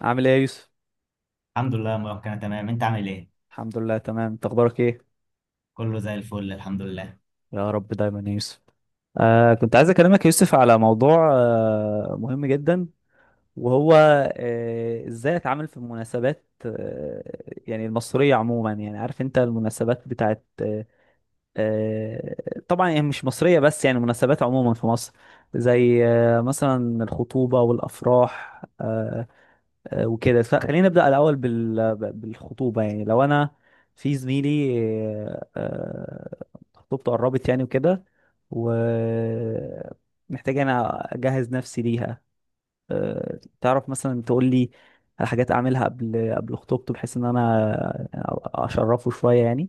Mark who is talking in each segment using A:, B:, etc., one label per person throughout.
A: عامل ايه يا يوسف؟
B: الحمد لله يا مروان، كان تمام. انت عامل ايه؟
A: الحمد لله تمام، انت اخبارك ايه؟
B: كله زي الفل الحمد لله.
A: يا رب دايما يا يوسف. كنت عايز اكلمك يا يوسف على موضوع مهم جدا. وهو ازاي اتعامل في المناسبات، يعني المصرية عموما. يعني عارف انت المناسبات بتاعت آه طبعا يعني مش مصرية، بس يعني مناسبات عموما في مصر، زي مثلا الخطوبة والافراح. وكده فخلينا نبدأ الأول بالخطوبة. يعني لو أنا في زميلي آه، آه، خطوبته قربت يعني وكده، ومحتاج أنا أجهز نفسي ليها. تعرف مثلا تقول لي على حاجات أعملها قبل خطوبته، بحيث إن أنا أشرفه شوية يعني.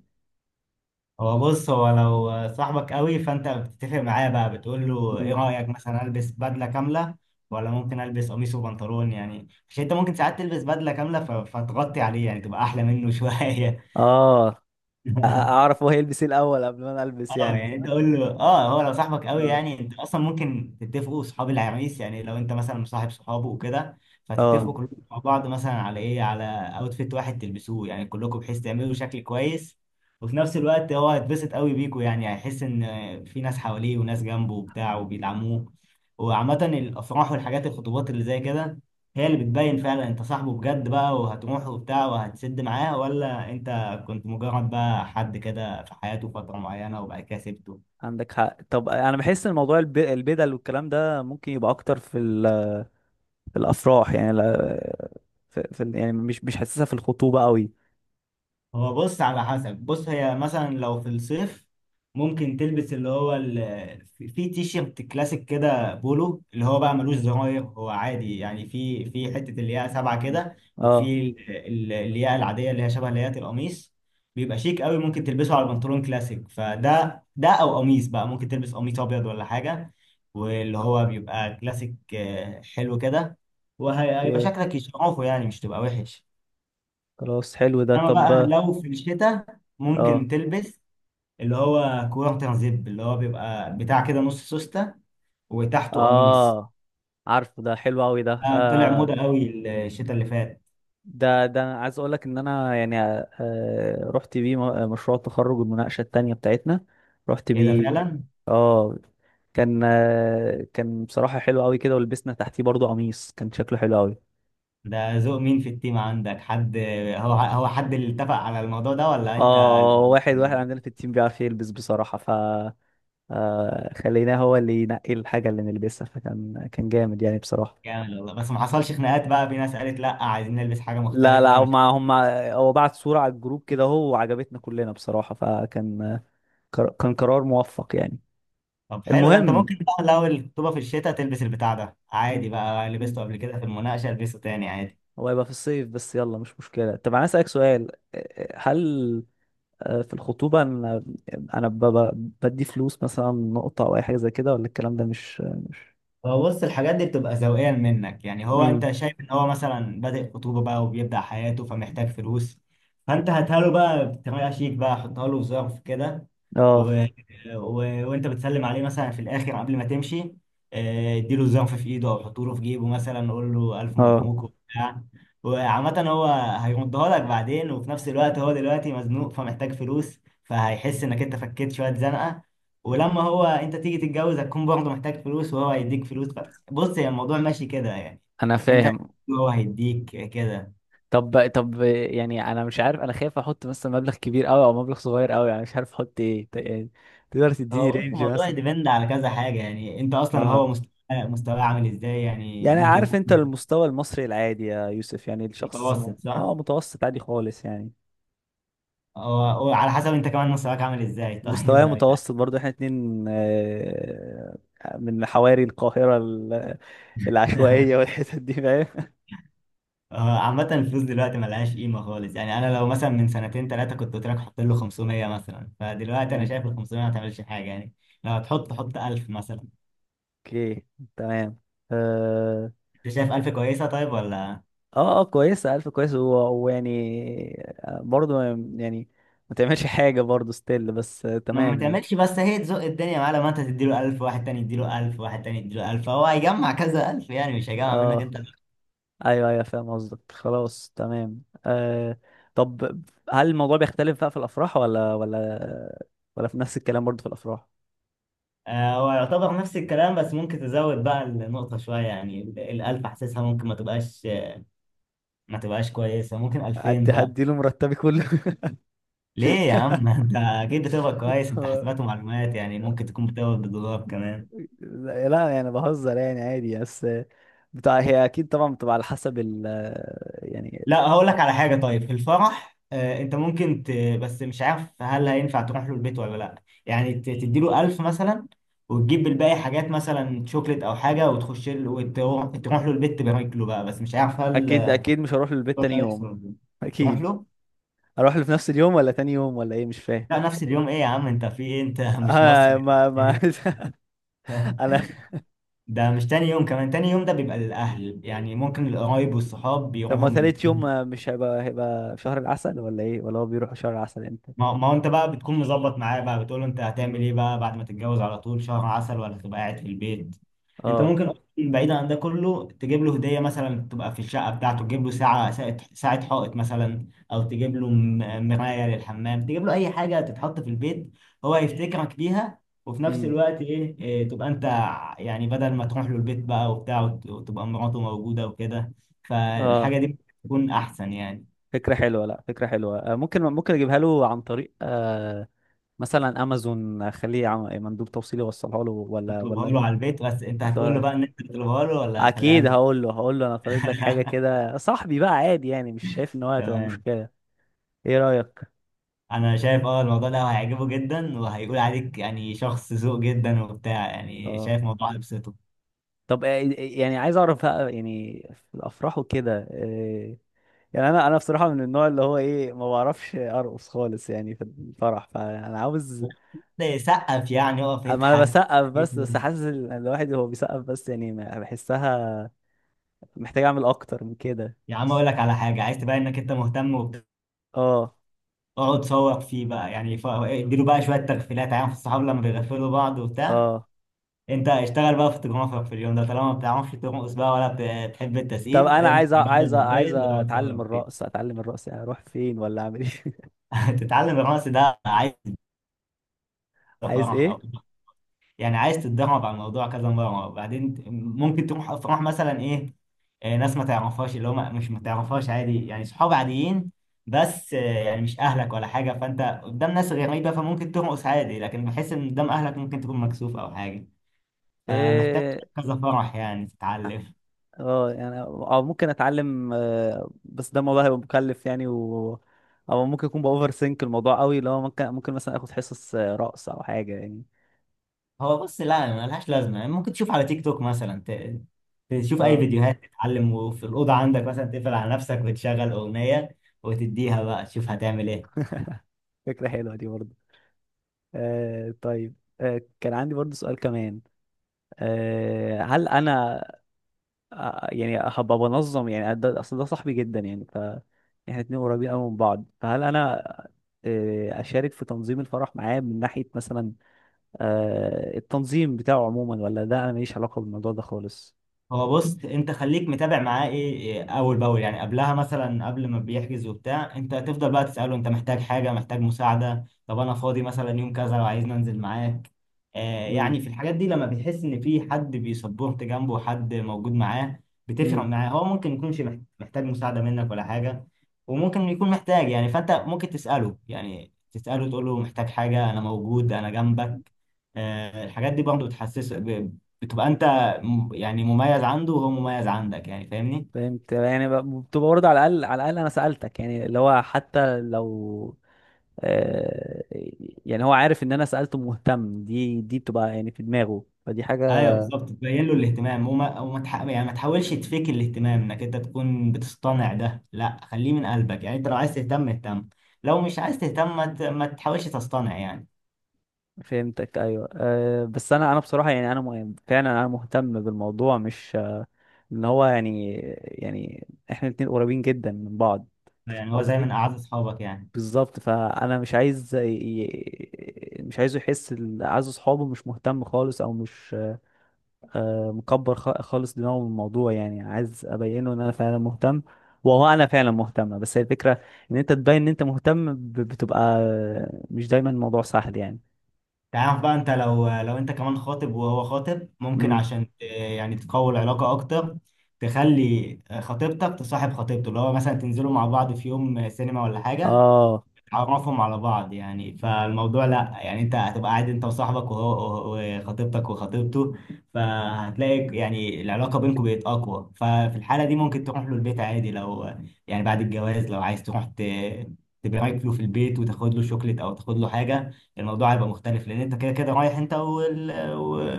B: هو بص، هو لو صاحبك قوي فانت بتتفق معاه بقى، بتقول له ايه
A: مم.
B: رايك؟ مثلا البس بدله كامله ولا ممكن البس قميص وبنطلون؟ يعني عشان انت ممكن ساعات تلبس بدله كامله فتغطي عليه، يعني تبقى احلى منه شويه.
A: آه أ- أعرف هو هيلبس إيه الأول قبل ما أنا ألبس
B: اه
A: يعني.
B: يعني انت قول له، اه هو لو صاحبك قوي
A: آه
B: يعني انت اصلا ممكن تتفقوا صحاب العريس. يعني لو انت مثلا مصاحب صحابه وكده
A: آه
B: فتتفقوا كلكم مع بعض مثلا على ايه، على اوتفيت واحد تلبسوه يعني كلكم، بحيث تعملوا شكل كويس. وفي نفس الوقت هو هيتبسط قوي بيكوا، يعني هيحس ان في ناس حواليه وناس جنبه وبتاع وبيدعموه. وعامة الافراح والحاجات الخطوبات اللي زي كده هي اللي بتبين فعلا انت صاحبه بجد بقى وهتروح وبتاع وهتسد معاه، ولا انت كنت مجرد بقى حد كده في حياته فترة معينة وبعد كده سبته.
A: عندك حق. طب أنا بحس إن موضوع البدل والكلام ده ممكن يبقى أكتر في الافراح، يعني في يعني مش حاسسها في الخطوبه قوي.
B: هو بص، على حسب. بص، هي مثلا لو في الصيف ممكن تلبس اللي هو ال... في تيشيرت كلاسيك كده، بولو اللي هو بقى ملوش زراير، هو عادي. يعني في حتة اللي هي سبعة
A: مم.
B: كده.
A: اه.
B: وفي اللي هي العادية، اللي هي شبه اللي هي القميص، بيبقى شيك قوي. ممكن تلبسه على البنطلون كلاسيك فده، او قميص بقى، ممكن تلبس قميص ابيض ولا حاجة. واللي هو بيبقى كلاسيك، حلو كده. وهيبقى
A: اوكي،
B: شكلك يشرفه، يعني مش تبقى وحش.
A: خلاص حلو ده.
B: انما بقى
A: طب،
B: لو في الشتاء ممكن
A: اه
B: تلبس اللي هو كورتن زيب، اللي هو بيبقى بتاع كده نص سوستة وتحته قميص.
A: اه، عارفه ده حلو قوي ده
B: طلع
A: آه
B: موضة قوي الشتاء اللي فات.
A: ده أنا عايز اقول لك ان انا يعني رحت بيه مشروع التخرج، المناقشه التانيه بتاعتنا، رحت
B: ايه ده
A: بيه.
B: فعلا؟
A: اه، كان كان بصراحه حلو قوي كده، ولبسنا تحتيه برضو قميص كان شكله حلو قوي.
B: ده ذوق مين؟ في التيم عندك حد؟ هو حد اللي اتفق على الموضوع ده ولا انت؟
A: اه، واحد واحد عندنا في التيم بيعرف يلبس بصراحه، ف خليناه هو اللي ينقي الحاجة اللي نلبسها، فكان جامد يعني بصراحة.
B: جامد والله، بس ما حصلش خناقات بقى؟ في ناس قالت لا، عايزين نلبس حاجة
A: لا لا،
B: مختلفة، مش
A: هم
B: عارف.
A: هم هو بعت صورة على الجروب كده هو، وعجبتنا كلنا بصراحة، كان قرار موفق يعني.
B: طب حلو ده. انت
A: المهم،
B: ممكن بقى لو الخطوبة في الشتاء تلبس البتاع ده
A: م-
B: عادي، بقى
A: م-
B: لبسته قبل كده في المناقشة، البسه تاني عادي.
A: هو هيبقى في الصيف بس، يلا مش مشكلة. طب أنا أسألك سؤال، هل في الخطوبة أنا أنا بدي فلوس مثلا، نقطة أو أي حاجة زي كده، ولا الكلام ده مش؟
B: هو بص، الحاجات دي بتبقى ذوقيا منك. يعني هو
A: امم.
B: انت شايف ان هو مثلا بادئ خطوبة بقى وبيبدأ حياته، فمحتاج فلوس. فانت هاتها له بقى بطريقة شيك بقى، حطها له في ظرف كده
A: اه
B: و... و... وانت بتسلم عليه مثلا في الاخر قبل ما تمشي، اديله زنف في ايده او حطه له في جيبه، مثلا قول له الف
A: اه،
B: مبروك وبتاع. وعامة هو هيردها لك بعدين، وفي نفس الوقت هو دلوقتي مزنوق فمحتاج فلوس، فهيحس انك انت فكيت شوية زنقة. ولما هو انت تيجي تتجوز هتكون برضه محتاج فلوس وهو هيديك فلوس. بس بص، هي الموضوع ماشي كده يعني.
A: انا
B: انت،
A: فاهم.
B: هو هيديك كده.
A: طب طب يعني انا مش عارف، انا خايف احط مثلا مبلغ كبير قوي او مبلغ صغير قوي، يعني مش عارف احط ايه يعني. تقدر تديني
B: هو بص،
A: رينج
B: الموضوع
A: مثلا؟
B: ديبند على كذا حاجة. يعني انت اصلا هو
A: اه،
B: مستواه عامل ازاي؟ يعني
A: يعني
B: ممكن
A: عارف
B: يكون
A: انت المستوى المصري العادي يا يوسف، يعني الشخص
B: متوسط صح؟
A: اه متوسط عادي خالص يعني.
B: هو وعلى حسب انت كمان مستواك عامل ازاي. طيب
A: مستواي
B: يعني.
A: متوسط برضه، احنا اتنين، من حواري القاهرة العشوائية والحتت دي، فاهم.
B: هو عامة الفلوس دلوقتي ملهاش قيمة خالص. يعني انا لو مثلا من سنتين ثلاثة كنت قلت لك حط له 500 مثلا، فدلوقتي انا
A: مم.
B: شايف ال 500 ما تعملش حاجة يعني. لو هتحط حط 1000 مثلا.
A: اوكي تمام آه،
B: انت شايف 1000 كويسة طيب ولا؟
A: اه اه، كويسة ألف كويس ويعني، برضو يعني، ما تعملش حاجة برضو ستيل بس،
B: ما
A: تمام يعني.
B: تعملش، بس هي تزق الدنيا معاه. لما انت تديله 1000، واحد تاني يديله 1000، واحد تاني يديله 1000، فهو هيجمع كذا 1000، يعني مش هيجمع منك
A: اه،
B: انت.
A: ايوه ايوه فاهم قصدك، خلاص تمام. طب، هل الموضوع بيختلف بقى في الأفراح، ولا ولا في نفس الكلام برضو في الأفراح؟
B: هو يعتبر نفس الكلام، بس ممكن تزود بقى النقطة شوية. يعني الألف حاسسها ممكن ما تبقاش كويسة، ممكن 2000
A: هدي
B: بقى.
A: هدي له مرتبي كله.
B: ليه يا عم؟ انت اكيد بتقبض كويس، انت
A: هو-
B: حاسبات ومعلومات. يعني ممكن تكون بتقبض بالدولار كمان.
A: لا لا، يعني بهزر يعني عادي بس، بتاع. هي اكيد طبعا بتبقى على حسب ال يعني.
B: لا هقول لك على حاجة. طيب في الفرح، انت ممكن ت... بس مش عارف هل هينفع تروح له البيت ولا لا. يعني ت... تديله 1000 مثلا وتجيب الباقي حاجات، مثلا شوكليت او حاجة، وتخش له وتروح تروح له البيت تبارك له بقى، بس مش عارف هل
A: اكيد اكيد مش هروح للبيت
B: هل
A: تاني
B: هيحصل
A: يوم.
B: ولا لا. تروح
A: اكيد
B: له.
A: اروح له في نفس اليوم ولا تاني يوم ولا ايه؟ مش فاهم.
B: لا، نفس اليوم. ايه يا عم انت في ايه؟ انت مش مصري ولا
A: ما
B: إيه؟
A: انا.
B: ده مش تاني يوم. كمان تاني يوم ده بيبقى للأهل، يعني ممكن القرايب والصحاب
A: طب،
B: بيروحوا
A: ما
B: من
A: تالت يوم
B: تاني.
A: مش هيبقى، هيبقى في شهر العسل، ولا ايه؟ ولا هو بيروح شهر العسل امتى؟
B: ما هو انت بقى بتكون مظبط معاه بقى، بتقول له انت هتعمل
A: مم.
B: ايه بقى بعد ما تتجوز؟ على طول شهر عسل ولا تبقى قاعد في البيت؟ انت
A: اه،
B: ممكن اصلا بعيدا عن ده كله تجيب له هديه، مثلا تبقى في الشقه بتاعته. تجيب له ساعه ساعه ساعة حائط مثلا، او تجيب له مرايه للحمام، تجيب له اي حاجه تتحط في البيت. هو هيفتكرك بيها، وفي نفس
A: امم،
B: الوقت ايه, إيه تبقى انت، يعني بدل ما تروح له البيت بقى وبتاع وتبقى مراته موجوده وكده،
A: اه.
B: فالحاجه دي بتكون احسن يعني.
A: فكرة حلوة، لا فكرة حلوة. ممكن ممكن اجيبها له عن طريق مثلا امازون، اخليه مندوب توصيلي يوصلها له، ولا
B: تطلبها
A: ولا
B: له على البيت، بس انت
A: أصل
B: هتقول له
A: هو-
B: بقى ان انت تطلبها له ولا هتخليها
A: اكيد
B: له؟
A: هقول له، هقول له انا طالب لك حاجة كده صاحبي بقى عادي، يعني مش شايف ان هو هتبقى
B: تمام.
A: مشكلة. ايه رأيك؟
B: انا شايف الموضوع ده هيعجبه جدا، وهيقول عليك يعني شخص ذوق جدا وبتاع. يعني
A: اه
B: شايف موضوع يبسطه،
A: طب، يعني عايز اعرف بقى يعني في الافراح وكده، يعني انا انا بصراحه من النوع اللي هو ايه، ما بعرفش ارقص خالص يعني في الفرح، فانا عاوز.
B: سقف. يعني اقف
A: اما انا
B: اضحك.
A: بسقف بس بس حاسس الواحد هو بيسقف بس يعني، بحسها محتاج اعمل اكتر من كده.
B: يا عم اقول لك على حاجه، عايز تبين انك انت مهتم وبتاع.
A: اه
B: اقعد صوت فيه بقى، يعني اديله بقى شويه تغفيلات. عارف الصحاب لما بيغفلوا بعض وبتاع؟
A: اه،
B: انت اشتغل بقى في التجمع في اليوم ده طالما ما بتعرفش ترقص بقى ولا بتحب
A: طب
B: التسقيف.
A: انا
B: امسك
A: عايز أ-
B: يا باشا
A: عايز أ- عايز
B: الموبايل واقعد
A: اتعلم
B: صور فيه.
A: الرقص، اتعلم الرقص، يعني اروح فين ولا اعمل ايه؟
B: تتعلم الرقص ده؟ عايز
A: عايز
B: فرح، او يعني عايز تتدرب على الموضوع كذا مره وبعدين ممكن تروح افراح مثلا. ايه، ناس ما تعرفهاش، اللي هم مش ما تعرفهاش عادي، يعني صحاب عاديين بس. يعني مش اهلك ولا حاجه، فانت قدام ناس غريبه فممكن ترقص عادي. لكن بحس ان قدام اهلك ممكن تكون مكسوف او حاجه، فمحتاج
A: ايه؟
B: كذا فرح يعني تتعلم.
A: اه، يعني او ممكن اتعلم، بس ده الموضوع هيبقى مكلف يعني، و او ممكن يكون باوفر سينك الموضوع قوي، اللي هو ممكن ممكن مثلا اخد حصص رقص او حاجه يعني.
B: هو بص، لا، ملهاش لازمه. يعني ممكن تشوف على تيك توك مثلا، ت- تشوف اي
A: اه،
B: فيديوهات تتعلم. وفي الاوضه عندك مثلا تقفل على نفسك وتشغل اغنيه وتديها بقى، تشوف هتعمل ايه.
A: فكره حلوه دي برضه. طيب، كان عندي برضه سؤال كمان. هل انا يعني هبقى بنظم، يعني ده اصل ده صاحبي جدا يعني، ف احنا اتنين قريبين قوي من بعض، فهل انا اشارك في تنظيم الفرح معاه، من ناحيه مثلا، التنظيم بتاعه عموما، ولا ده انا ماليش علاقه بالموضوع ده خالص؟
B: هو بص، انت خليك متابع معاه، ايه ايه اول باول. يعني قبلها مثلا قبل ما بيحجز وبتاع، انت تفضل بقى تساله انت محتاج حاجه؟ محتاج مساعده؟ طب انا فاضي مثلا يوم كذا لو عايز ننزل معاك.
A: امم،
B: يعني في الحاجات دي لما بتحس ان في حد بيسبورت جنبه، حد موجود معاه، بتفرق
A: امم.
B: معاه. هو ممكن يكونش محتاج مساعده منك ولا حاجه، وممكن يكون محتاج. يعني فانت ممكن تساله، يعني تساله تقول له محتاج حاجه؟ انا موجود، انا جنبك. الحاجات دي برضه بتحسسه، بتبقى انت يعني مميز عنده، وهو مميز عندك. يعني فاهمني؟
A: فهمت، يعني بتبقى برضه على الاقل، على الاقل انا سالتك، يعني اللي هو حتى لو آه، يعني هو عارف ان انا سالته، مهتم، دي دي بتبقى يعني في دماغه، فدي حاجه.
B: ايوه بالظبط، تبين له الاهتمام. يعني ما تحاولش تفيك الاهتمام انك انت تكون بتصطنع ده، لا خليه من قلبك. يعني انت لو عايز تهتم اهتم، لو مش عايز تهتم ما تحاولش تصطنع يعني.
A: فهمتك، ايوه أه، بس انا انا بصراحه يعني انا فعلا انا مهتم بالموضوع، مش ان هو يعني، يعني احنا الاتنين قريبين جدا من بعض.
B: يعني هو زي من
A: قصدي
B: اعز اصحابك يعني.
A: بالظبط، فانا مش عايز مش عايزه يحس عايز اصحابه مش مهتم خالص او مش، مكبر خالص دماغه من الموضوع، يعني عايز ابينه ان انا فعلا مهتم، وهو انا فعلا مهتم. بس هي الفكره ان انت تبين ان انت مهتم بتبقى، مش دايما الموضوع سهل يعني.
B: تعرف بقى انت، لو انت كمان خاطب وهو خاطب، ممكن
A: امم،
B: عشان يعني تقوي العلاقة اكتر تخلي خطيبتك تصاحب خطيبته، اللي هو مثلا تنزلوا مع بعض في يوم سينما ولا حاجة.
A: اه
B: عرفهم على بعض يعني، فالموضوع لا، يعني انت هتبقى قاعد انت وصاحبك وهو وخطيبتك وخطيبته. فهتلاقي يعني العلاقة بينكم بقت اقوى. ففي الحالة دي ممكن تروح له البيت عادي، لو يعني بعد الجواز لو عايز تروح ت... تبارك له في البيت وتاخد له شوكليت او تاخد له حاجة، الموضوع هيبقى مختلف. لان انت كده كده رايح انت وال...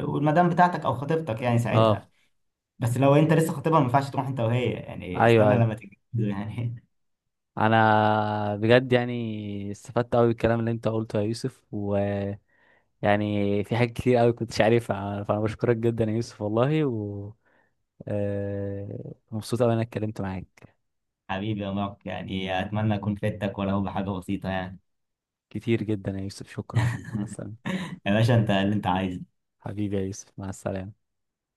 B: والمدام بتاعتك او خطيبتك، يعني
A: اه،
B: ساعتها. بس لو انت لسه خطيبها ما ينفعش تروح انت وهي، يعني
A: ايوه
B: استنى
A: ايوه.
B: لما تتجوزوا يعني.
A: انا بجد يعني استفدت قوي بالكلام اللي انت قلته يا يوسف، ويعني في حاجات كتير قوي كنتش عارفها، فانا بشكرك جدا يا يوسف والله. مبسوط أوي إن أنا اتكلمت معاك.
B: حبيبي يا مارك، يعني اتمنى اكون فدتك ولو بحاجه بسيطه يعني.
A: كتير جدا يا يوسف، شكرا، مع السلامة.
B: يا باشا انت اللي انت عايزه.
A: حبيبي يا يوسف، مع السلامة.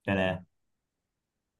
B: سلام.